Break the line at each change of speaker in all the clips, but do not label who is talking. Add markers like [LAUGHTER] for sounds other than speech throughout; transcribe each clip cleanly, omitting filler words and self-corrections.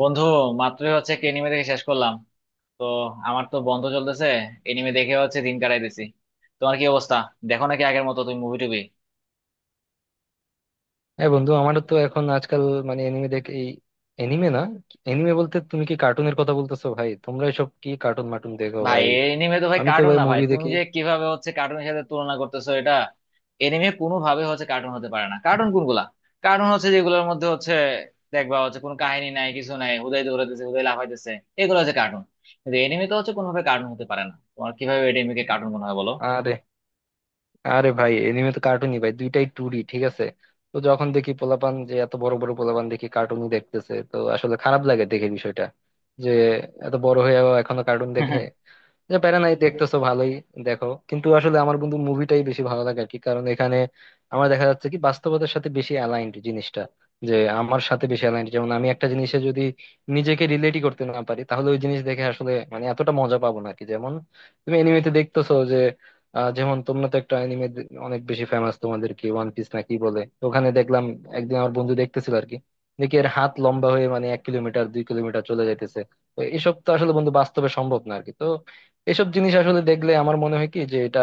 বন্ধু, মাত্রই হচ্ছে একটা এনিমে দেখে শেষ করলাম। তো আমার তো বন্ধ চলতেছে, এনিমে দেখে হচ্ছে দিন কাটাইতেছি। তোমার কি অবস্থা? দেখো নাকি আগের মতো তুমি মুভি টুবি?
হ্যাঁ বন্ধু, আমারও তো এখন আজকাল মানে এনিমে দেখে, এই এনিমে না, এনিমে বলতে তুমি কি কার্টুনের কথা বলতেছো ভাই? তোমরা এসব কি কার্টুন মার্টুন দেখো
ভাই,
ভাই?
এনিমে তো ভাই
আমি তো
কার্টুন
ভাই
না ভাই,
মুভি
তুমি
দেখি।
যে কিভাবে হচ্ছে কার্টুনের সাথে তুলনা করতেছো এটা। এনিমে কোনো ভাবে হচ্ছে কার্টুন হতে পারে না। কার্টুন কোনগুলা? কার্টুন হচ্ছে যেগুলোর মধ্যে হচ্ছে দেখবা হচ্ছে কোনো কাহিনী নাই, কিছু নাই, হুদাই দৌড়াইতেছে হুদাই লাফাইতেছে, এগুলো হচ্ছে কার্টুন। কিন্তু এনিমে তো হচ্ছে কোনোভাবে কার্টুন হতে পারে না। তোমার কিভাবে এনিমেকে কার্টুন মনে হয় বলো?
আরে আরে ভাই, এনিমে তো কার্টুনই ভাই, দুইটাই টুডি, ঠিক আছে। তো যখন দেখি পোলাপান, যে এত বড় বড় পোলাপান দেখি কার্টুনই দেখতেছে, তো আসলে খারাপ লাগে দেখে বিষয়টা, যে এত বড় হয়েও এখনো কার্টুন দেখে।
[LAUGHS]
যে প্যারা নাই, দেখতেছো ভালোই। দেখো কিন্তু আসলে আমার বন্ধু মুভিটাই বেশি ভালো লাগে আর কি, কারণ এখানে আমার দেখা যাচ্ছে কি, বাস্তবতার সাথে বেশি অ্যালাইন্ড জিনিসটা, যে আমার সাথে বেশি অ্যালাইন্ড। যেমন আমি একটা জিনিসে যদি নিজেকে রিলেটই করতে না পারি, তাহলে ওই জিনিস দেখে আসলে মানে এতটা মজা পাবো না আর কি। যেমন তুমি এনিমেতে দেখতেছো যে যেমন তোমরা তো একটা এনিমে অনেক বেশি ফেমাস তোমাদের, কি ওয়ান পিস না কি বলে, তো ওখানে দেখলাম একদিন আমার বন্ধু দেখতেছিল আর কি, দেখি এর হাত লম্বা হয়ে মানে 1 কিলোমিটার 2 কিলোমিটার চলে যাইতেছে। তো এসব তো আসলে বন্ধু বাস্তবে সম্ভব না আরকি। এসব জিনিস আসলে দেখলে আমার মনে হয় কি, যে এটা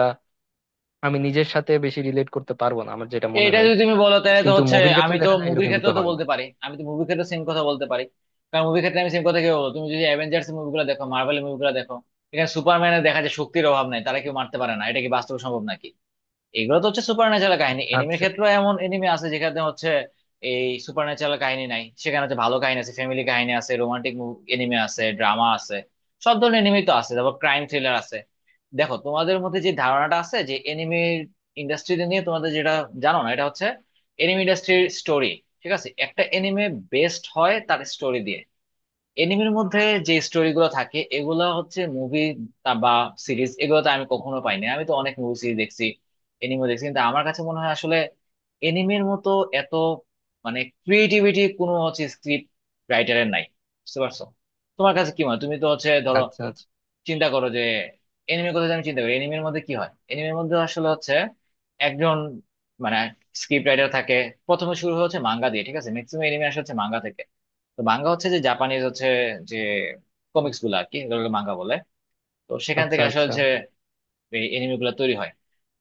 আমি নিজের সাথে বেশি রিলেট করতে পারবো না, আমার যেটা মনে
এটা
হয়।
যদি তুমি বলো তাহলে তো
কিন্তু
হচ্ছে
মুভির
আমি
ক্ষেত্রে
তো
দেখা যায়
মুভির
এরকম
ক্ষেত্রে
কিন্তু
তো
হয় না।
বলতে পারি, আমি তো মুভির ক্ষেত্রে সেম কথা বলতে পারি। কারণ মুভির ক্ষেত্রে আমি সেম কথা কি বলবো, তুমি যদি অ্যাভেঞ্জার্স মুভিগুলো দেখো, মার্ভেল মুভিগুলো দেখো, এখানে সুপারম্যানের দেখা যায় শক্তির অভাব নাই, তারা কেউ মারতে পারে না, এটা কি বাস্তব সম্ভব নাকি? এগুলো তো হচ্ছে সুপার ন্যাচারাল কাহিনী। এনিমের
আচ্ছা।
ক্ষেত্রেও এমন এনিমে আছে যেখানে হচ্ছে এই সুপার ন্যাচারাল কাহিনী নাই, সেখানে হচ্ছে ভালো কাহিনী আছে, ফ্যামিলি কাহিনী আছে, রোমান্টিক এনিমে আছে, ড্রামা আছে, সব ধরনের এনিমেই তো আছে, তারপর ক্রাইম থ্রিলার আছে। দেখো, তোমাদের মধ্যে যে ধারণাটা আছে যে এনিমে ইন্ডাস্ট্রিতে নিয়ে তোমাদের যেটা, জানো না, এটা হচ্ছে এনিমে ইন্ডাস্ট্রির স্টোরি। ঠিক আছে, একটা এনিমে বেস্ট হয় তার স্টোরি দিয়ে। এনিমের মধ্যে যে স্টোরিগুলো থাকে এগুলো হচ্ছে মুভি বা সিরিজ এগুলোতে আমি কখনো পাইনি। আমি তো অনেক মুভি সিরিজ দেখছি, এনিমে দেখছি, কিন্তু আমার কাছে মনে হয় আসলে এনিমের মতো এত মানে ক্রিয়েটিভিটি কোনো হচ্ছে স্ক্রিপ্ট রাইটারের নাই। বুঝতে পারছো? তোমার কাছে কি মনে হয়? তুমি তো হচ্ছে ধরো
আচ্ছা। আচ্ছা
চিন্তা করো যে এনিমের কথা যদি আমি চিন্তা করি, এনিমের মধ্যে কি হয়, এনিমের মধ্যে আসলে হচ্ছে একজন মানে স্ক্রিপ্ট রাইটার থাকে। প্রথমে শুরু হচ্ছে মাঙ্গা দিয়ে, ঠিক আছে, ম্যাক্সিমাম এনিমে আসলে হচ্ছে মাঙ্গা থেকে। তো মাঙ্গা হচ্ছে যে জাপানিজ হচ্ছে যে কমিক্স গুলো আর কি, এগুলোকে মাঙ্গা বলে। তো সেখান
আচ্ছা।
থেকে আসলে
আচ্ছা।
হচ্ছে এই এনিমে গুলো তৈরি হয়।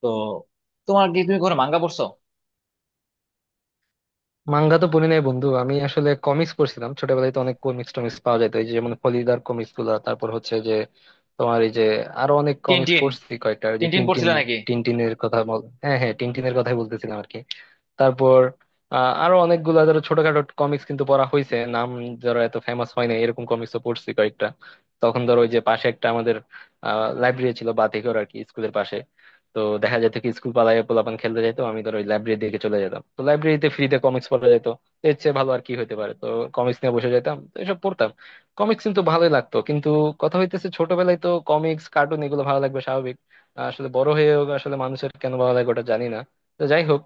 তো তোমার কি, তুমি কোনো মাঙ্গা পড়ছো?
মাঙ্গা তো পড়ি নাই বন্ধু, আমি আসলে কমিক্স পড়ছিলাম ছোটবেলায়। তো অনেক কমিক্স টমিক্স পাওয়া যেত, এই যে যেমন ফলিদার কমিক্স গুলা, তারপর হচ্ছে যে তোমার এই যে আরো অনেক কমিক্স
টিনটিন,
পড়ছি, কয়েকটা ওই যে
টিনটিন
টিনটিন।
পড়ছিলে নাকি?
টিনটিনের কথা বল? হ্যাঁ হ্যাঁ, টিনটিনের কথাই বলতেছিলাম আর কি। তারপর আরো অনেকগুলা ধরো ছোটখাটো কমিক্স কিন্তু পড়া হয়েছে, নাম ধরো এত ফেমাস হয় না, এরকম কমিক্সও পড়ছি কয়েকটা। তখন ধরো ওই যে পাশে একটা আমাদের লাইব্রেরি ছিল বাতিঘর আর কি, স্কুলের পাশে। তো দেখা যেত কি, স্কুল পালায় পোলাপান খেলতে যেত, আমি ধরো ওই লাইব্রেরির দিকে চলে যেতাম। তো লাইব্রেরিতে ফ্রিতে কমিক্স পড়া যেত, তো এর চেয়ে ভালো আর কি হতে পারে। তো কমিক্স নিয়ে বসে যেতাম, তো এসব পড়তাম। কমিক্স কিন্তু ভালোই লাগতো, কিন্তু কথা হইতেছে, ছোটবেলায় তো কমিক্স কার্টুন এগুলো ভালো লাগবে স্বাভাবিক, আসলে বড় হয়েও আসলে মানুষের কেন ভালো লাগে ওটা জানি না। তো যাই হোক,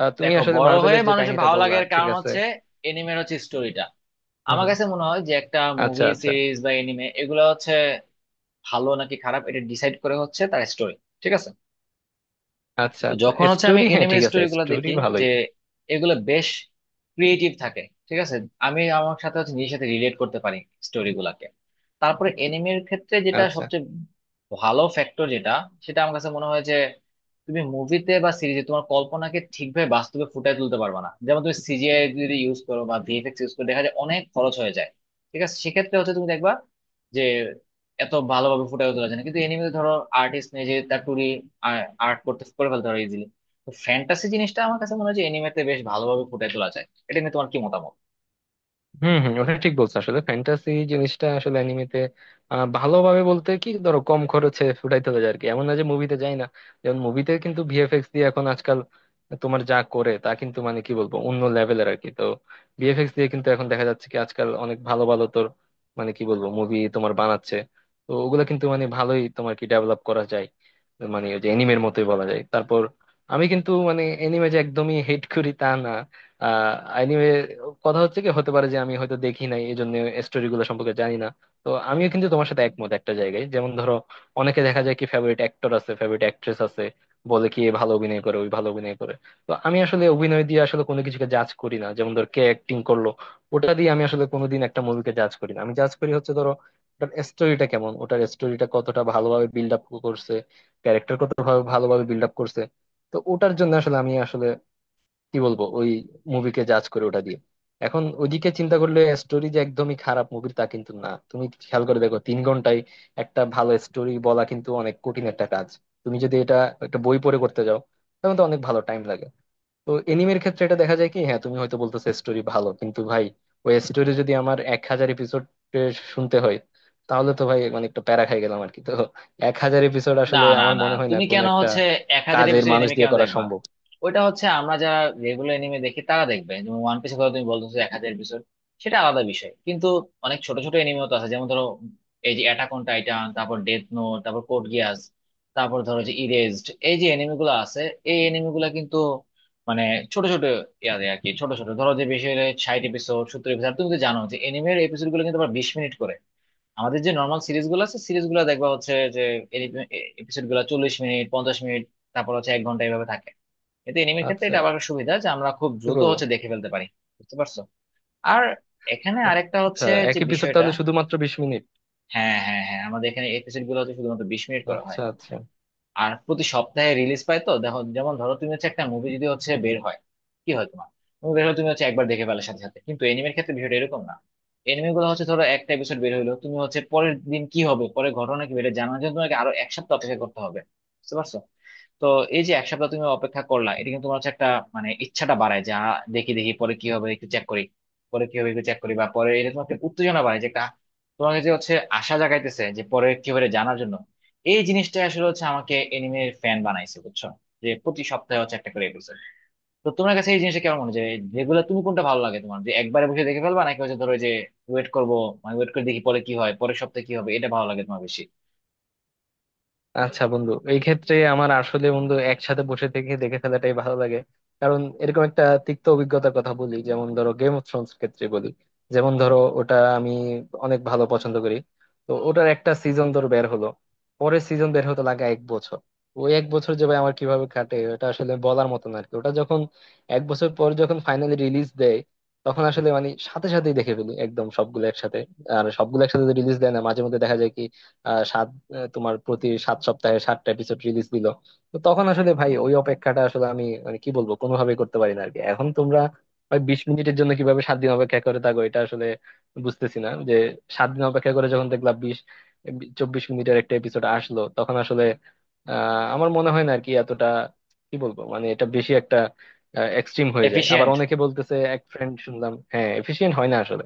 তুমি
দেখো,
আসলে
বড় হয়ে
মার্বেলের যে
মানুষের
কাহিনীটা
ভালো
বললা,
লাগার
ঠিক
কারণ
আছে।
হচ্ছে এনিমের হচ্ছে স্টোরিটা।
হুম
আমার
হুম।
কাছে মনে হয় যে একটা
আচ্ছা
মুভি
আচ্ছা।
সিরিজ বা এনিমে এগুলো হচ্ছে ভালো নাকি খারাপ এটা ডিসাইড করে হচ্ছে তার স্টোরি। ঠিক আছে,
আচ্ছা
তো
আচ্ছা।
যখন হচ্ছে আমি
স্টোরি, হ্যাঁ
এনিমের
ঠিক আছে,
স্টোরিগুলো
স্টোরি
দেখি যে
ভালোই।
এগুলো বেশ ক্রিয়েটিভ থাকে, ঠিক আছে, আমি আমার সাথে হচ্ছে নিজের সাথে রিলেট করতে পারি স্টোরিগুলোকে। তারপরে এনিমের ক্ষেত্রে যেটা
আচ্ছা।
সবচেয়ে ভালো ফ্যাক্টর, যেটা, সেটা আমার কাছে মনে হয় যে তুমি মুভিতে বা সিরিজে তোমার কল্পনাকে ঠিকভাবে বাস্তবে ফুটিয়ে তুলতে পারবে না। যেমন তুমি সিজিআই যদি ইউজ করো বা ভিএফএক্স ইউজ করো, দেখা যায় অনেক খরচ হয়ে যায়। ঠিক আছে, সেক্ষেত্রে হচ্ছে তুমি দেখবা এত ভালোভাবে ফুটিয়ে তোলা যায় না, কিন্তু এনিমেতে ধরো আর্টিস্ট নিজে তার টুরি আর্ট করতে করে ফেলতে পারে ইজিলি। তো ফ্যান্টাসি জিনিসটা আমার কাছে মনে হয় যে এনিমেতে বেশ ভালোভাবে ফুটিয়ে তোলা যায়। এটা নিয়ে তোমার কি মতামত?
হম হম, ওটা ঠিক বলছো, আসলে ফ্যান্টাসি জিনিসটা আসলে অ্যানিমেতে ভালোভাবে বলতে কি, ধরো কম খরচে ফুটাইতে হবে আর কি, এমন না যে মুভিতে যায় না। যেমন মুভিতে কিন্তু ভিএফএক্স দিয়ে এখন আজকাল তোমার যা করে, তা কিন্তু মানে কি বলবো, অন্য লেভেলের আর কি। তো ভিএফএক্স দিয়ে কিন্তু এখন দেখা যাচ্ছে কি আজকাল অনেক ভালো ভালো তোর মানে কি বলবো মুভি তোমার বানাচ্ছে। তো ওগুলো কিন্তু মানে ভালোই তোমার কি ডেভেলপ করা যায়, মানে ওই যে এনিমের মতোই বলা যায়। তারপর আমি কিন্তু মানে এনিমে যে একদমই হেট করি তা না। আহ কথা হচ্ছে কি, হতে পারে যে আমি হয়তো দেখি নাই, এই জন্য স্টোরি গুলো সম্পর্কে জানি না। তো আমিও কিন্তু তোমার সাথে একমত একটা জায়গায়। যেমন ধরো, অনেকে দেখা যায় কি, ফেভারিট অ্যাক্টর আছে, ফেভারিট অ্যাক্ট্রেস আছে, বলে কি এ ভালো অভিনয় করে, ওই ভালো অভিনয় করে। তো আমি আসলে অভিনয় দিয়ে আসলে কোনো কিছুকে জাজ করি না। যেমন ধর কে অ্যাক্টিং করলো, ওটা দিয়ে আমি আসলে কোনোদিন একটা মুভিকে জাজ করি না। আমি জাজ করি হচ্ছে ধরো, ওটার স্টোরিটা কেমন, ওটার স্টোরিটা কতটা ভালোভাবে বিল্ড আপ করছে, ক্যারেক্টার কতটা ভালোভাবে বিল্ড আপ করছে। তো ওটার জন্য আসলে আমি আসলে কি বলবো, ওই মুভিকে জাজ করে ওটা দিয়ে। এখন ওইদিকে চিন্তা করলে, স্টোরি যে একদমই খারাপ মুভির তা কিন্তু না। তুমি খেয়াল করে দেখো, 3 ঘন্টায় একটা ভালো স্টোরি বলা কিন্তু অনেক কঠিন একটা কাজ। তুমি যদি এটা একটা বই পড়ে করতে যাও, তখন তো অনেক ভালো টাইম লাগে। তো এনিমের ক্ষেত্রে এটা দেখা যায় কি, হ্যাঁ তুমি হয়তো বলতেছো স্টোরি ভালো, কিন্তু ভাই ওই স্টোরি যদি আমার 1000 এপিসোড শুনতে হয়, তাহলে তো ভাই মানে একটা প্যারা খাই গেলাম আর কি। তো 1000 এপিসোড
না
আসলে
না
আমার
না,
মনে হয় না
তুমি
কোনো
কেন
একটা
হচ্ছে এক হাজার
কাজের
এপিসোড
মানুষ
এনিমে
দিয়ে
কেন
করা
দেখবা?
সম্ভব।
ওইটা হচ্ছে আমরা যারা রেগুলার এনিমে দেখি তারা দেখবে, যেমন ওয়ান পিসের কথা তুমি বলতেছো, 1,000 এপিসোড, সেটা আলাদা বিষয়। কিন্তু অনেক ছোট ছোট এনিমেও তো আছে, যেমন ধরো এই যে অ্যাটাক অন টাইটান, তারপর ডেথ নোট, তারপর কোড গিয়াস, তারপর ধরো যে ইরেজড, এই যে এনিমে গুলো আছে, এই এনিমে গুলা কিন্তু মানে ছোট ছোট ইয়াদে আর কি। ছোট ছোট ধরো যে বেশি হলে 60 এপিসোড, 70 এপিসোড। তুমি তো জানো যে এনিমের এপিসোড গুলো কিন্তু আবার 20 মিনিট করে, আমাদের যে নর্মাল সিরিজ গুলো আছে সিরিজ গুলো দেখবা হচ্ছে যে এপিসোড গুলো 40 মিনিট, 50 মিনিট, তারপর হচ্ছে এক ঘন্টা, এভাবে থাকে। এতে এনিমের ক্ষেত্রে
আচ্ছা।
এটা আবার একটা সুবিধা যে আমরা খুব
কি
দ্রুত
বলবো।
হচ্ছে দেখে ফেলতে পারি। বুঝতে পারছো? আর এখানে আরেকটা
আচ্ছা,
হচ্ছে
এক
যে
এপিসোড
বিষয়টা,
তাহলে শুধুমাত্র 20 মিনিট?
হ্যাঁ হ্যাঁ হ্যাঁ, আমাদের এখানে এপিসোড গুলো হচ্ছে শুধুমাত্র 20 মিনিট করা হয়
আচ্ছা আচ্ছা।
আর প্রতি সপ্তাহে রিলিজ পায়। তো দেখো যেমন ধরো তুমি হচ্ছে একটা মুভি যদি হচ্ছে বের হয়, কি হয় তোমার, মুভি বের হলে তুমি হচ্ছে একবার দেখে ফেলার সাথে সাথে, কিন্তু এনিমের ক্ষেত্রে বিষয়টা এরকম না। এনিমে গুলো হচ্ছে ধরো একটা এপিসোড বের হলো, তুমি হচ্ছে পরের দিন কি হবে, পরের ঘটনা কি বেড়ে জানার জন্য তোমাকে আরো এক সপ্তাহ অপেক্ষা করতে হবে। বুঝতে পারছো? তো এই যে এক সপ্তাহ তুমি অপেক্ষা করলা, এটা কিন্তু তোমার হচ্ছে একটা মানে ইচ্ছাটা বাড়ায় যা, দেখি দেখি পরে কি হবে একটু চেক করি, পরে কি হবে একটু চেক করি, বা পরে, এটা তোমাকে উত্তেজনা বাড়ায় যে তোমাকে যে হচ্ছে আশা জাগাইতেছে যে পরে কি হবে এটা জানার জন্য। এই জিনিসটা আসলে হচ্ছে আমাকে এনিমের ফ্যান বানাইছে, বুঝছো, যে প্রতি সপ্তাহে হচ্ছে একটা করে এপিসোড। তো তোমার কাছে এই জিনিসটা কেমন মনে হয় যে রেগুলার, তুমি কোনটা ভালো লাগে তোমার, যে একবারে বসে দেখে ফেলবা নাকি হচ্ছে ধরো যে ওয়েট করবো, মানে ওয়েট করে দেখি পরে কি হয়, পরের সপ্তাহে কি হবে, এটা ভালো লাগে তোমার বেশি?
আচ্ছা বন্ধু, এই ক্ষেত্রে আমার আসলে বন্ধু একসাথে বসে থেকে দেখে ফেলাটাই ভালো লাগে। কারণ এরকম একটা তিক্ত অভিজ্ঞতার কথা বলি, যেমন ধরো গেম অফ থ্রোনস ক্ষেত্রে বলি। যেমন ধরো ওটা আমি অনেক ভালো পছন্দ করি, তো ওটার একটা সিজন ধরো বের হলো, পরের সিজন বের হতে লাগে 1 বছর। ওই 1 বছর যে ভাই আমার কিভাবে কাটে, এটা আসলে বলার মতো না আর কি। ওটা যখন 1 বছর পর যখন ফাইনালি রিলিজ দেয়, তখন আসলে মানে সাথে সাথেই দেখে ফেলি, একদম সবগুলো একসাথে। আর সবগুলো একসাথে রিলিজ দেয় না, মাঝে মধ্যে দেখা যায় কি, তোমার প্রতি 7 সপ্তাহে 7টা এপিসোড রিলিজ দিল। তো তখন আসলে ভাই ওই অপেক্ষাটা আসলে আমি মানে কি বলবো কোনোভাবেই করতে পারি না আরকি। এখন তোমরা ভাই 20 মিনিটের জন্য কিভাবে 7 দিন অপেক্ষা করে থাকো, এটা আসলে বুঝতেছি না। যে 7 দিন অপেক্ষা করে যখন দেখলাম 20-24 মিনিটের একটা এপিসোড আসলো, তখন আসলে আমার মনে হয় না আর কি এতটা, কি বলবো, মানে এটা বেশি একটা এক্সট্রিম হয়ে যায়। আবার
এফিশিয়েন্ট,
অনেকে বলতেছে, এক ফ্রেন্ড শুনলাম, হ্যাঁ এফিশিয়েন্ট হয় না আসলে।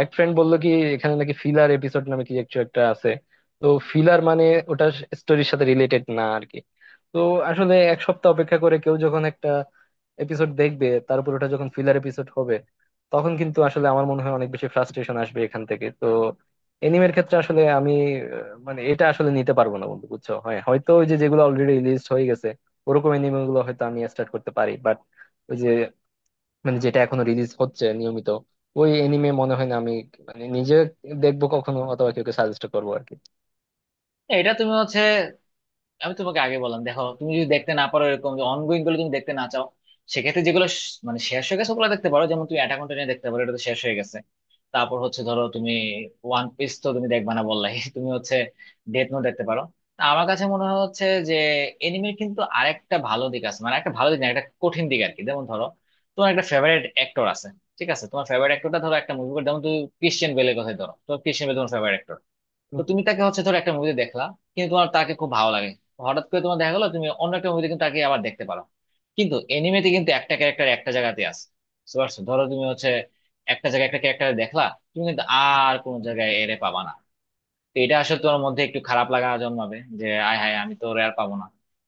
এক ফ্রেন্ড বললো কি, এখানে নাকি ফিলার এপিসোড নামে কি একটু একটা আছে। তো ফিলার মানে ওটা স্টোরির সাথে রিলেটেড না আর কি। তো আসলে 1 সপ্তাহ অপেক্ষা করে কেউ যখন একটা এপিসোড দেখবে, তারপর ওটা যখন ফিলার এপিসোড হবে, তখন কিন্তু আসলে আমার মনে হয় অনেক বেশি ফ্রাস্ট্রেশন আসবে এখান থেকে। তো এনিমের ক্ষেত্রে আসলে আমি মানে এটা আসলে নিতে পারবো না বন্ধু বুঝছো। হয়তো ওই যে যেগুলো অলরেডি রিলিজ হয়ে গেছে, ওরকম এনিমে গুলো হয়তো আমি স্টার্ট করতে পারি, বাট ওই যে মানে যেটা এখনো রিলিজ হচ্ছে নিয়মিত, ওই এনিমে মনে হয় না আমি মানে নিজে দেখবো কখনো অথবা কাউকে সাজেস্ট করবো আর কি।
এটা তুমি হচ্ছে, আমি তোমাকে আগে বললাম, দেখো তুমি যদি দেখতে না পারো এরকম যে অনগোয়িং গুলো তুমি দেখতে না চাও, সেক্ষেত্রে যেগুলো মানে শেষ হয়ে গেছে ওগুলো দেখতে পারো। যেমন তুমি অ্যাটাক অন টাইটান দেখতে পারো, এটা তো শেষ হয়ে গেছে। তারপর হচ্ছে ধরো তুমি ওয়ান পিস তো তুমি দেখবা না বললাই [LAUGHS] তুমি হচ্ছে ডেথ নোট দেখতে পারো। তা আমার কাছে মনে হয় হচ্ছে যে এনিমের কিন্তু আরেকটা ভালো দিক আছে, মানে একটা ভালো দিক না একটা কঠিন দিক আর কি, যেমন ধরো তোমার একটা ফেভারিট অ্যাক্টর আছে, ঠিক আছে, তোমার ফেভারিট অ্যাক্টরটা ধরো একটা মুভি, যেমন তুমি ক্রিশ্চিয়ান বেলের কথাই ধরো, তোমার ক্রিশ্চিয়ান বেল তোমার ফেভারিট, তো তুমি তাকে হচ্ছে ধরো একটা মুভি দেখলা কিন্তু তোমার তাকে খুব ভালো লাগে, হঠাৎ করে তোমার দেখা গেলো তুমি অন্য একটা মুভিতে কিন্তু তাকে আবার দেখতে পারো। কিন্তু এনিমেতে কিন্তু একটা ক্যারেক্টার একটা জায়গাতে আছে। বুঝতে পারছো? ধরো তুমি হচ্ছে একটা জায়গায় একটা ক্যারেক্টার দেখলা, তুমি কিন্তু আর কোনো জায়গায় এরে পাবা না। তো এটা আসলে তোমার মধ্যে একটু খারাপ লাগা জন্মাবে যে আয় হায়, আমি তো ওরে আর পাবো না।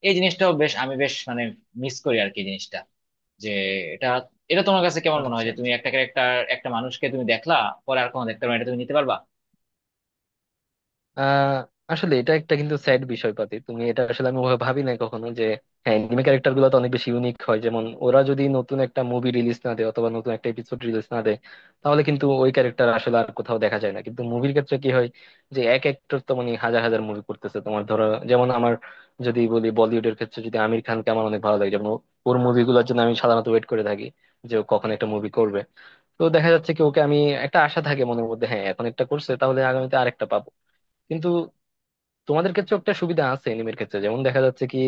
এই জিনিসটাও বেশ, আমি বেশ মানে মিস করি আর কি জিনিসটা। যে এটা এটা তোমার কাছে কেমন মনে হয়
আচ্ছা
যে তুমি
আচ্ছা।
একটা ক্যারেক্টার, একটা মানুষকে তুমি দেখলা, পরে আর কোনো দেখতে পারো না, এটা তুমি নিতে পারবা?
আহ আসলে এটা একটা কিন্তু স্যাড বিষয় পাতি, তুমি এটা আসলে আমি ওভাবে ভাবি না কখনো। যে হ্যাঁ, এনিমে ক্যারেক্টার গুলো তো অনেক বেশি ইউনিক হয়, যেমন ওরা যদি নতুন একটা মুভি রিলিজ না দেয় অথবা নতুন একটা এপিসোড রিলিজ না দেয়, তাহলে কিন্তু ওই ক্যারেক্টার আসলে আর কোথাও দেখা যায় না। কিন্তু মুভির ক্ষেত্রে কি হয়, যে এক একটার তো মানে হাজার হাজার মুভি করতেছে তোমার। ধরো যেমন আমার, যদি বলি বলিউডের ক্ষেত্রে, যদি আমির খানকে আমার অনেক ভালো লাগে, যেমন ওর মুভিগুলোর জন্য আমি সাধারণত ওয়েট করে থাকি যে ও কখন একটা মুভি করবে। তো দেখা যাচ্ছে কি, ওকে আমি, একটা আশা থাকে মনের মধ্যে, হ্যাঁ এখন একটা করছে তাহলে আগামীতে আরেকটা পাবো। কিন্তু তোমাদের ক্ষেত্রে একটা সুবিধা আছে এনিমের ক্ষেত্রে, যেমন দেখা যাচ্ছে কি,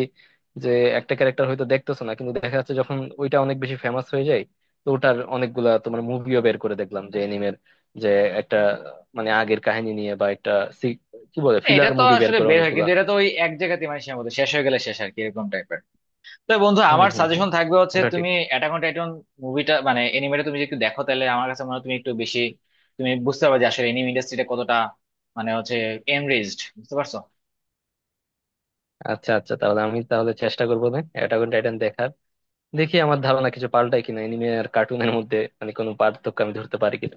যে একটা ক্যারেক্টার হয়তো দেখতেছো না, কিন্তু দেখা যাচ্ছে যখন ওইটা অনেক বেশি ফেমাস হয়ে যায়, তো ওটার অনেকগুলা তোমার মুভিও বের করে। দেখলাম যে এনিমের যে একটা মানে আগের কাহিনী নিয়ে, বা একটা সি- কি বলে
হ্যাঁ, এটা
ফিলার
তো
মুভি বের
আসলে
করে
বের হয়
অনেকগুলা।
কিন্তু এটা তো ওই এক জায়গাতে মানে সীমাবদ্ধ, শেষ হয়ে গেলে শেষ আর কি, এরকম টাইপের। তো বন্ধু,
হম
আমার
হম হম,
সাজেশন থাকবে হচ্ছে
ওটা ঠিক।
তুমি অ্যাটাক অন টাইটন মুভিটা মানে এনিমেটা তুমি যদি একটু দেখো, তাহলে আমার কাছে মনে হয় তুমি একটু বেশি, তুমি বুঝতে পারবে যে আসলে এনিমে ইন্ডাস্ট্রিটা কতটা মানে হচ্ছে এনরিচড। বুঝতে পারছো?
আচ্ছা আচ্ছা, তাহলে আমি তাহলে চেষ্টা করবো না অ্যাটাক অন টাইটান দেখার। দেখি আমার ধারণা কিছু পাল্টায় কিনা, এনিমে আর কার্টুনের মধ্যে মানে কোনো পার্থক্য আমি ধরতে পারি কিনা।